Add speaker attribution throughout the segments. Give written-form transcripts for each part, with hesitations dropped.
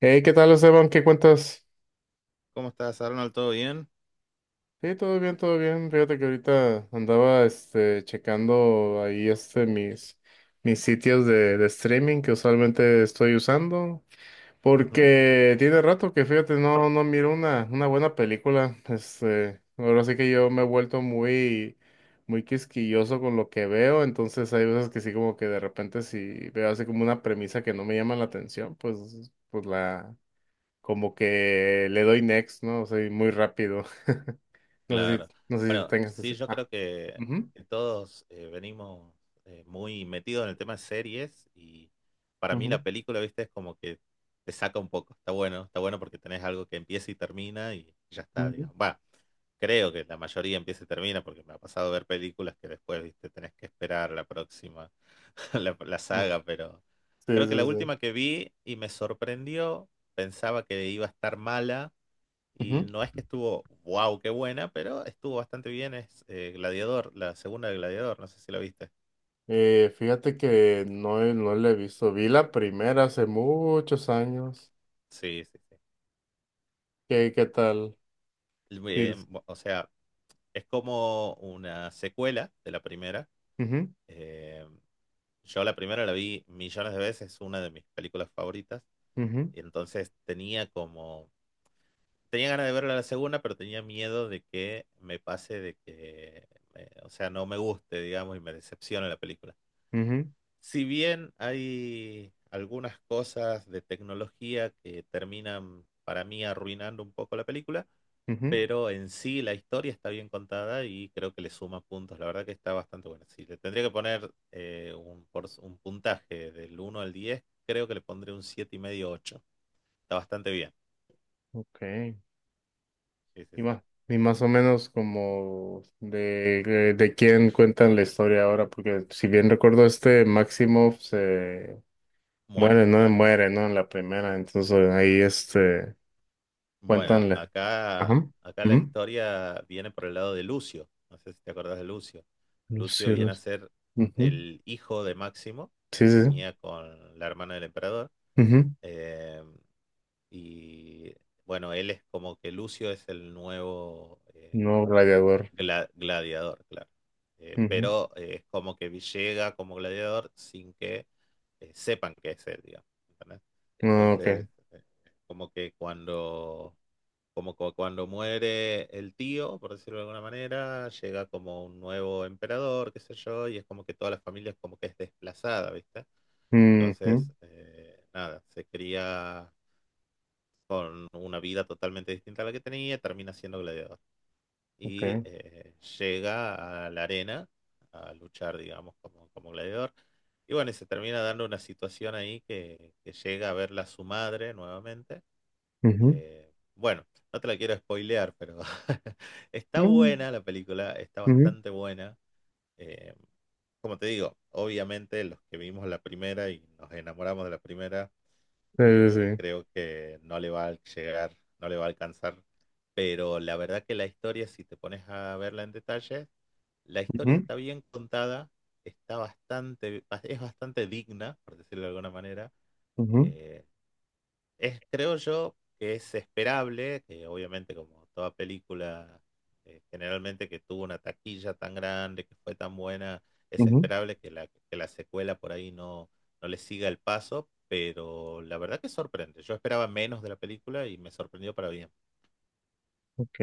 Speaker 1: Hey, ¿qué tal, Esteban? ¿Qué cuentas?
Speaker 2: ¿Cómo estás, Arnold? ¿Todo bien?
Speaker 1: Sí, todo bien, todo bien. Fíjate que ahorita andaba checando ahí mis sitios de streaming que usualmente estoy usando.
Speaker 2: Ujú.
Speaker 1: Porque tiene rato que fíjate, no, no miro una buena película. Ahora sí que yo me he vuelto muy quisquilloso con lo que veo. Entonces hay veces que sí, como que de repente si veo así como una premisa que no me llama la atención, pues la como que le doy next, ¿no? Soy muy rápido. No sé
Speaker 2: Claro.
Speaker 1: si, no sé si tú
Speaker 2: Bueno,
Speaker 1: tengas
Speaker 2: sí,
Speaker 1: ese.
Speaker 2: yo creo que,
Speaker 1: Ujú,
Speaker 2: que todos venimos muy metidos en el tema de series y para mí
Speaker 1: ujú,
Speaker 2: la película, viste, es como que te saca un poco. Está bueno porque tenés algo que empieza y termina y ya está,
Speaker 1: ujú,
Speaker 2: digamos. Va, creo que la mayoría empieza y termina porque me ha pasado ver películas que después, viste, tenés que esperar la próxima, la
Speaker 1: ujú.
Speaker 2: saga, pero
Speaker 1: Sí,
Speaker 2: creo que
Speaker 1: sí,
Speaker 2: la
Speaker 1: sí.
Speaker 2: última que vi y me sorprendió, pensaba que iba a estar mala. Y
Speaker 1: Ujú.
Speaker 2: no es que estuvo, wow, qué buena, pero estuvo bastante bien. Es Gladiador, la segunda de Gladiador, no sé si la viste.
Speaker 1: Fíjate que no, no la he visto. Vi la primera hace muchos años.
Speaker 2: Sí, sí, sí.
Speaker 1: ¿Qué, qué tal? Sí.
Speaker 2: O sea, es como una secuela de la primera.
Speaker 1: Ujú,
Speaker 2: Eh, yo la primera la vi millones de veces, es una de mis películas favoritas.
Speaker 1: ujú,
Speaker 2: Y entonces tenía como, tenía ganas de verla la segunda, pero tenía miedo de que me pase, de que, o sea, no me guste, digamos, y me decepcione la película.
Speaker 1: ujú,
Speaker 2: Si bien hay algunas cosas de tecnología que terminan para mí arruinando un poco la película,
Speaker 1: ujú.
Speaker 2: pero en sí la historia está bien contada y creo que le suma puntos. La verdad que está bastante buena. Si le tendría que poner un puntaje del 1 al 10, creo que le pondré un 7,5, ocho. Está bastante bien.
Speaker 1: Ok.
Speaker 2: Sí, sí,
Speaker 1: Y
Speaker 2: sí.
Speaker 1: más, y más o menos como de quién cuentan la historia ahora, porque si bien recuerdo Maximoff se
Speaker 2: Muere,
Speaker 1: muere, no
Speaker 2: claro.
Speaker 1: muere, ¿no? En la primera, entonces ahí
Speaker 2: Bueno,
Speaker 1: cuéntanle.
Speaker 2: acá,
Speaker 1: Ajá.
Speaker 2: acá la
Speaker 1: Ujú.
Speaker 2: historia viene por el lado de Lucio. No sé si te acordás de Lucio.
Speaker 1: Los
Speaker 2: Lucio viene a
Speaker 1: cielos.
Speaker 2: ser
Speaker 1: Ujú.
Speaker 2: el hijo de Máximo,
Speaker 1: Sí,
Speaker 2: que
Speaker 1: sí, sí.
Speaker 2: tenía con la hermana del emperador.
Speaker 1: Ujú.
Speaker 2: Eh, y bueno, él es como que Lucio es el nuevo
Speaker 1: No gladiador.
Speaker 2: gladiador, claro. Eh,
Speaker 1: Ujú.
Speaker 2: pero eh, es como que llega como gladiador sin que sepan que es él, digamos. ¿Entendés?
Speaker 1: No,
Speaker 2: Entonces,
Speaker 1: ok.
Speaker 2: como que cuando cuando muere el tío, por decirlo de alguna manera, llega como un nuevo emperador, qué sé yo, y es como que toda la familia es como que es desplazada, ¿viste?
Speaker 1: Ujú,
Speaker 2: Entonces, nada, se cría con una vida totalmente distinta a la que tenía, termina siendo gladiador. Y
Speaker 1: ok.
Speaker 2: eh, llega a la arena a luchar, digamos, como, como gladiador. Y bueno, y se termina dando una situación ahí que llega a verla su madre nuevamente
Speaker 1: Ujú.
Speaker 2: bueno, no te la quiero spoilear, pero está
Speaker 1: No.
Speaker 2: buena la película, está
Speaker 1: Ujú.
Speaker 2: bastante buena. Eh, como te digo, obviamente los que vimos la primera y nos enamoramos de la primera,
Speaker 1: Sí, sí,
Speaker 2: creo que no le va a llegar, no le va a alcanzar. Pero la verdad que la historia, si te pones a verla en detalle, la historia
Speaker 1: sí.
Speaker 2: está bien contada, está bastante, es bastante digna, por decirlo de alguna manera.
Speaker 1: Ujú, ujú,
Speaker 2: Eh, Creo yo que es esperable, que obviamente como toda película, generalmente que tuvo una taquilla tan grande, que fue tan buena, es
Speaker 1: ujú.
Speaker 2: esperable que la secuela por ahí no, no le siga el paso, pero la verdad que sorprende. Yo esperaba menos de la película y me sorprendió para bien.
Speaker 1: Ok.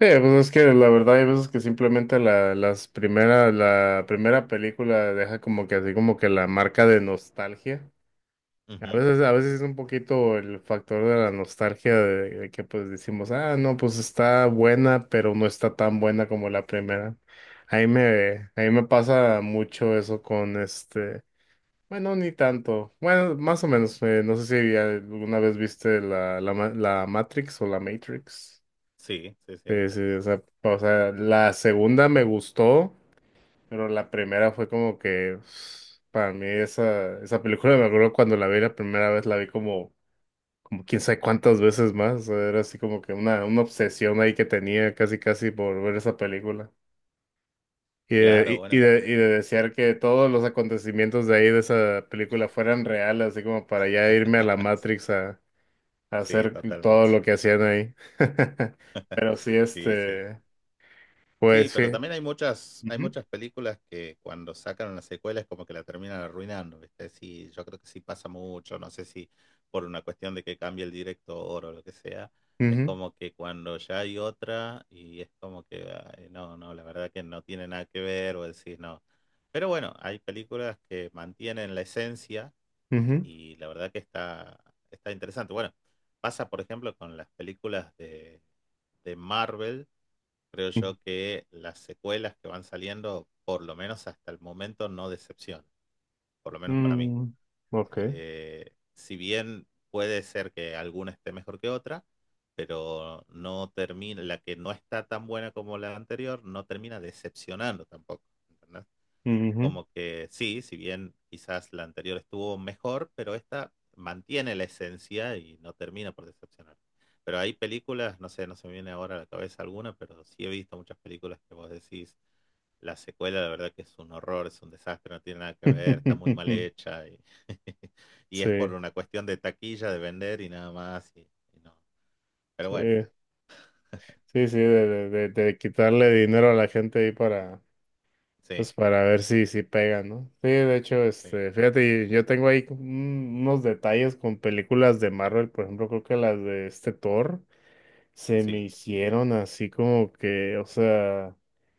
Speaker 1: Sí, pues es que la verdad hay veces que simplemente la, las primeras, la primera película deja como que así como que la marca de nostalgia.
Speaker 2: Ujú.
Speaker 1: A veces es un poquito el factor de la nostalgia de que pues decimos, ah, no, pues está buena, pero no está tan buena como la primera. Ahí me pasa mucho eso con bueno, ni tanto. Bueno, más o menos, no sé si ya alguna vez viste la Matrix o la Matrix.
Speaker 2: Sí, sí,
Speaker 1: Sí,
Speaker 2: sí.
Speaker 1: sí, o sea, la segunda me gustó, pero la primera fue como que, para mí esa, esa película, me acuerdo cuando la vi la primera vez, la vi como como quién sabe cuántas veces más. O sea, era así como que una obsesión ahí que tenía casi casi por ver esa película. Y
Speaker 2: Claro,
Speaker 1: de, y, y
Speaker 2: bueno.
Speaker 1: de, y de desear que todos los acontecimientos de ahí de esa película fueran reales, así como para ya irme a la Matrix a
Speaker 2: Sí,
Speaker 1: hacer todo
Speaker 2: totalmente.
Speaker 1: lo que hacían ahí. Pero sí,
Speaker 2: Sí, sí. Sí,
Speaker 1: pues sí.
Speaker 2: pero también hay
Speaker 1: Ujú,
Speaker 2: muchas películas que cuando sacan una secuela es como que la terminan arruinando, ¿viste? Sí, yo creo que sí pasa mucho, no sé si por una cuestión de que cambie el director o lo que sea, es
Speaker 1: ujú,
Speaker 2: como que cuando ya hay otra y es como que, ay, no, no, la verdad que no tiene nada que ver o decís no. Pero bueno, hay películas que mantienen la esencia
Speaker 1: ujú,
Speaker 2: y la verdad que está, está interesante. Bueno, pasa por ejemplo con las películas de Marvel. Creo
Speaker 1: ujú.
Speaker 2: yo que las secuelas que van saliendo, por lo menos hasta el momento, no decepcionan, por lo menos para mí.
Speaker 1: Mm, ok.
Speaker 2: Si bien puede ser que alguna esté mejor que otra, pero no termina, la que no está tan buena como la anterior, no termina decepcionando tampoco, ¿entendés? Es
Speaker 1: Ujú.
Speaker 2: como que sí, si bien quizás la anterior estuvo mejor, pero esta mantiene la esencia y no termina por decepcionar. Pero hay películas, no sé, no se me viene ahora a la cabeza alguna, pero sí he visto muchas películas que vos decís, la secuela la verdad que es un horror, es un desastre, no tiene nada que ver, está muy mal hecha y, y es por
Speaker 1: Sí,
Speaker 2: una cuestión de taquilla, de vender y nada más. Y no. Pero bueno,
Speaker 1: sí. Sí, sí, de quitarle dinero a la gente ahí para,
Speaker 2: sí,
Speaker 1: pues para ver si, si pega, ¿no? Sí, de hecho,
Speaker 2: sí,
Speaker 1: fíjate, yo tengo ahí unos detalles con películas de Marvel, por ejemplo, creo que las de Thor se me
Speaker 2: sí.
Speaker 1: hicieron así como que, o sea.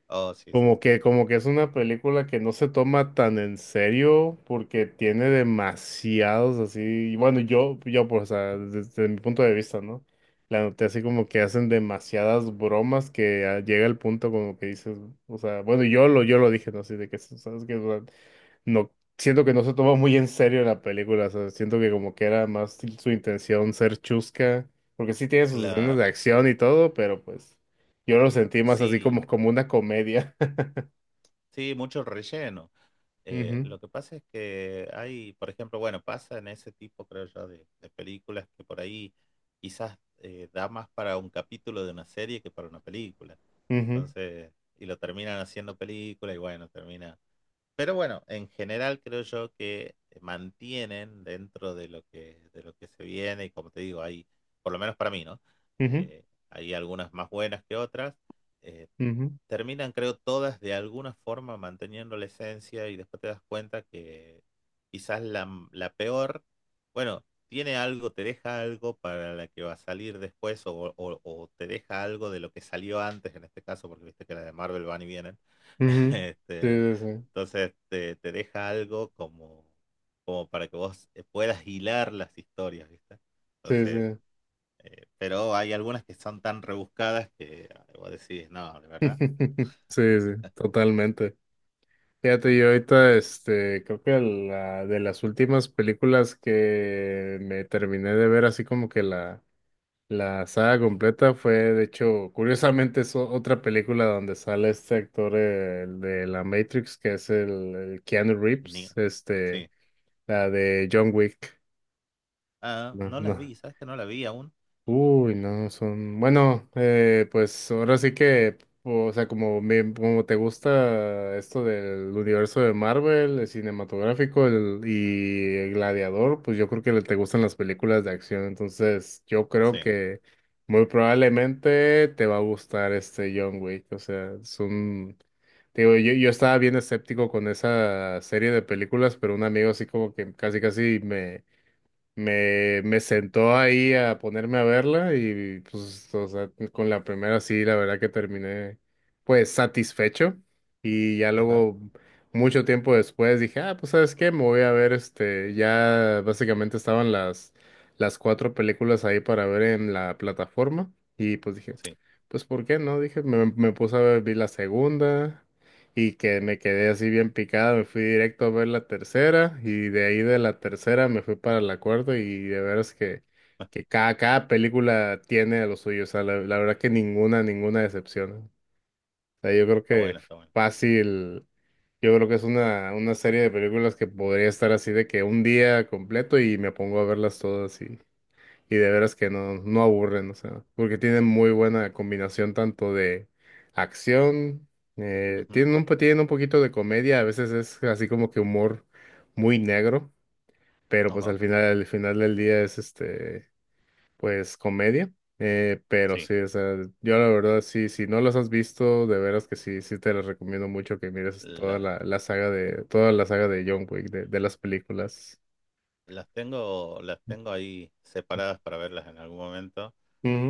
Speaker 2: Oh, sí, sí, sí.
Speaker 1: Como que es una película que no se toma tan en serio porque tiene demasiados así, y bueno, yo pues, o sea, desde, mi punto de vista, ¿no? La noté así como que hacen demasiadas bromas que ah, llega el punto como que dices, o sea, bueno, yo lo dije, ¿no? Así de que, ¿sabes qué? O sea, no, siento que no se toma muy en serio la película, o sea, siento que como que era más su intención ser chusca, porque sí tiene sus escenas de
Speaker 2: Claro.
Speaker 1: acción y todo, pero pues yo lo sentí más así
Speaker 2: Sí,
Speaker 1: como, como una comedia.
Speaker 2: sí, mucho relleno. Eh,
Speaker 1: Ujú,
Speaker 2: lo que pasa es que hay, por ejemplo, bueno, pasa en ese tipo, creo yo, de películas que por ahí quizás da más para un capítulo de una serie que para una película.
Speaker 1: ujú,
Speaker 2: Entonces, y lo terminan haciendo película y bueno, termina. Pero bueno, en general creo yo que mantienen dentro de lo que se viene y como te digo, hay, por lo menos para mí, ¿no?
Speaker 1: ujú,
Speaker 2: Eh, hay algunas más buenas que otras. eh,
Speaker 1: ujú,
Speaker 2: terminan, creo, todas de alguna forma manteniendo la esencia y después te das cuenta que quizás la, la peor, bueno, tiene algo, te deja algo para la que va a salir después o te deja algo de lo que salió antes en este caso, porque viste que las de Marvel van y vienen.
Speaker 1: ujú. Sí,
Speaker 2: Este,
Speaker 1: sí,
Speaker 2: entonces te deja algo como, como para que vos puedas hilar las historias, ¿viste?
Speaker 1: sí,
Speaker 2: Entonces,
Speaker 1: sí,
Speaker 2: pero hay algunas que son tan rebuscadas que ah, vos decís, no, de
Speaker 1: sí,
Speaker 2: verdad.
Speaker 1: sí, sí, totalmente. Fíjate, yo ahorita,
Speaker 2: No.
Speaker 1: creo que la de las últimas películas que me terminé de ver, así como que la saga completa fue, de hecho, curiosamente es otra película donde sale este actor el de la Matrix, que es el Keanu
Speaker 2: Ni-
Speaker 1: Reeves,
Speaker 2: sí.
Speaker 1: la de John Wick.
Speaker 2: Ah,
Speaker 1: No,
Speaker 2: no la
Speaker 1: no.
Speaker 2: vi, ¿sabes que no la vi aún?
Speaker 1: Uy, no, son, bueno, pues ahora sí que, o sea, como, como te gusta esto del universo de Marvel, el cinematográfico y el Gladiador, pues yo creo que te gustan las películas de acción, entonces yo creo
Speaker 2: Sí,
Speaker 1: que muy probablemente te va a gustar este John Wick, o sea, es un, te digo, yo estaba bien escéptico con esa serie de películas, pero un amigo así como que casi casi me sentó ahí a ponerme a verla y pues, o sea, con la primera sí, la verdad que terminé pues satisfecho y ya
Speaker 2: ajá,
Speaker 1: luego mucho tiempo después dije, ah, pues sabes qué, me voy a ver este, ya básicamente estaban las cuatro películas ahí para ver en la plataforma y pues dije,
Speaker 2: sí,
Speaker 1: pues ¿por qué no? Dije, me puse a ver, vi la segunda. Y que me quedé así bien picada, me fui directo a ver la tercera y de ahí de la tercera me fui para la cuarta y de veras que cada, cada película tiene lo suyo, o sea, la verdad que ninguna, ninguna decepciona. O sea, yo creo
Speaker 2: está
Speaker 1: que
Speaker 2: bueno, está bueno.
Speaker 1: fácil, yo creo que es una serie de películas que podría estar así de que un día completo y me pongo a verlas todas y de veras que no, no aburren, o sea, porque tienen muy buena combinación tanto de acción,
Speaker 2: Ujú,
Speaker 1: tienen un, tienen un poquito de comedia, a veces es así como que humor muy negro, pero pues
Speaker 2: ajá,
Speaker 1: al final del día es pues comedia. Pero
Speaker 2: sí.
Speaker 1: sí, o sea, yo la verdad sí, si no los has visto, de veras que sí, sí te los recomiendo mucho que mires toda
Speaker 2: La-
Speaker 1: la, la saga de, toda la saga de John Wick, de las películas.
Speaker 2: las tengo ahí separadas para verlas en algún momento.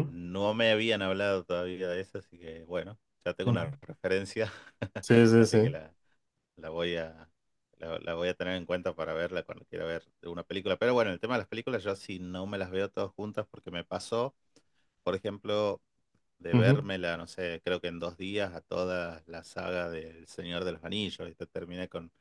Speaker 2: No me habían hablado todavía de eso, así que bueno, ya tengo
Speaker 1: Ujú, ujú.
Speaker 2: una referencia,
Speaker 1: Sí, sí,
Speaker 2: así
Speaker 1: sí.
Speaker 2: que la voy a, la voy a tener en cuenta para verla cuando quiera ver una película. Pero bueno, el tema de las películas, yo sí no me las veo todas juntas porque me pasó, por ejemplo, de
Speaker 1: Ujú.
Speaker 2: vérmela, no sé, creo que en 2 días a toda la saga del Señor de los Anillos. Y te terminé con,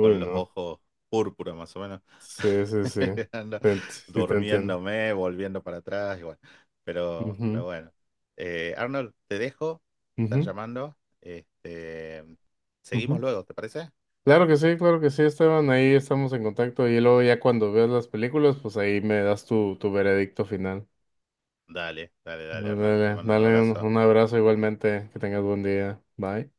Speaker 2: con los
Speaker 1: no.
Speaker 2: ojos púrpura, más o menos.
Speaker 1: Sí, sí, sí.
Speaker 2: Ando
Speaker 1: Sí, te entiendo.
Speaker 2: durmiéndome, volviendo para atrás, y bueno. Pero
Speaker 1: Ujú,
Speaker 2: bueno. Arnold, te dejo. Me están
Speaker 1: ujú,
Speaker 2: llamando. Este, seguimos
Speaker 1: ujú.
Speaker 2: luego, ¿te parece?
Speaker 1: Claro que sí, Esteban. Ahí estamos en contacto. Y luego ya cuando veas las películas, pues ahí me das tu, tu veredicto final.
Speaker 2: Dale, dale, dale, Arnold. Te
Speaker 1: Dale,
Speaker 2: mando un
Speaker 1: dale un
Speaker 2: abrazo.
Speaker 1: un abrazo igualmente. Que tengas buen día. Bye.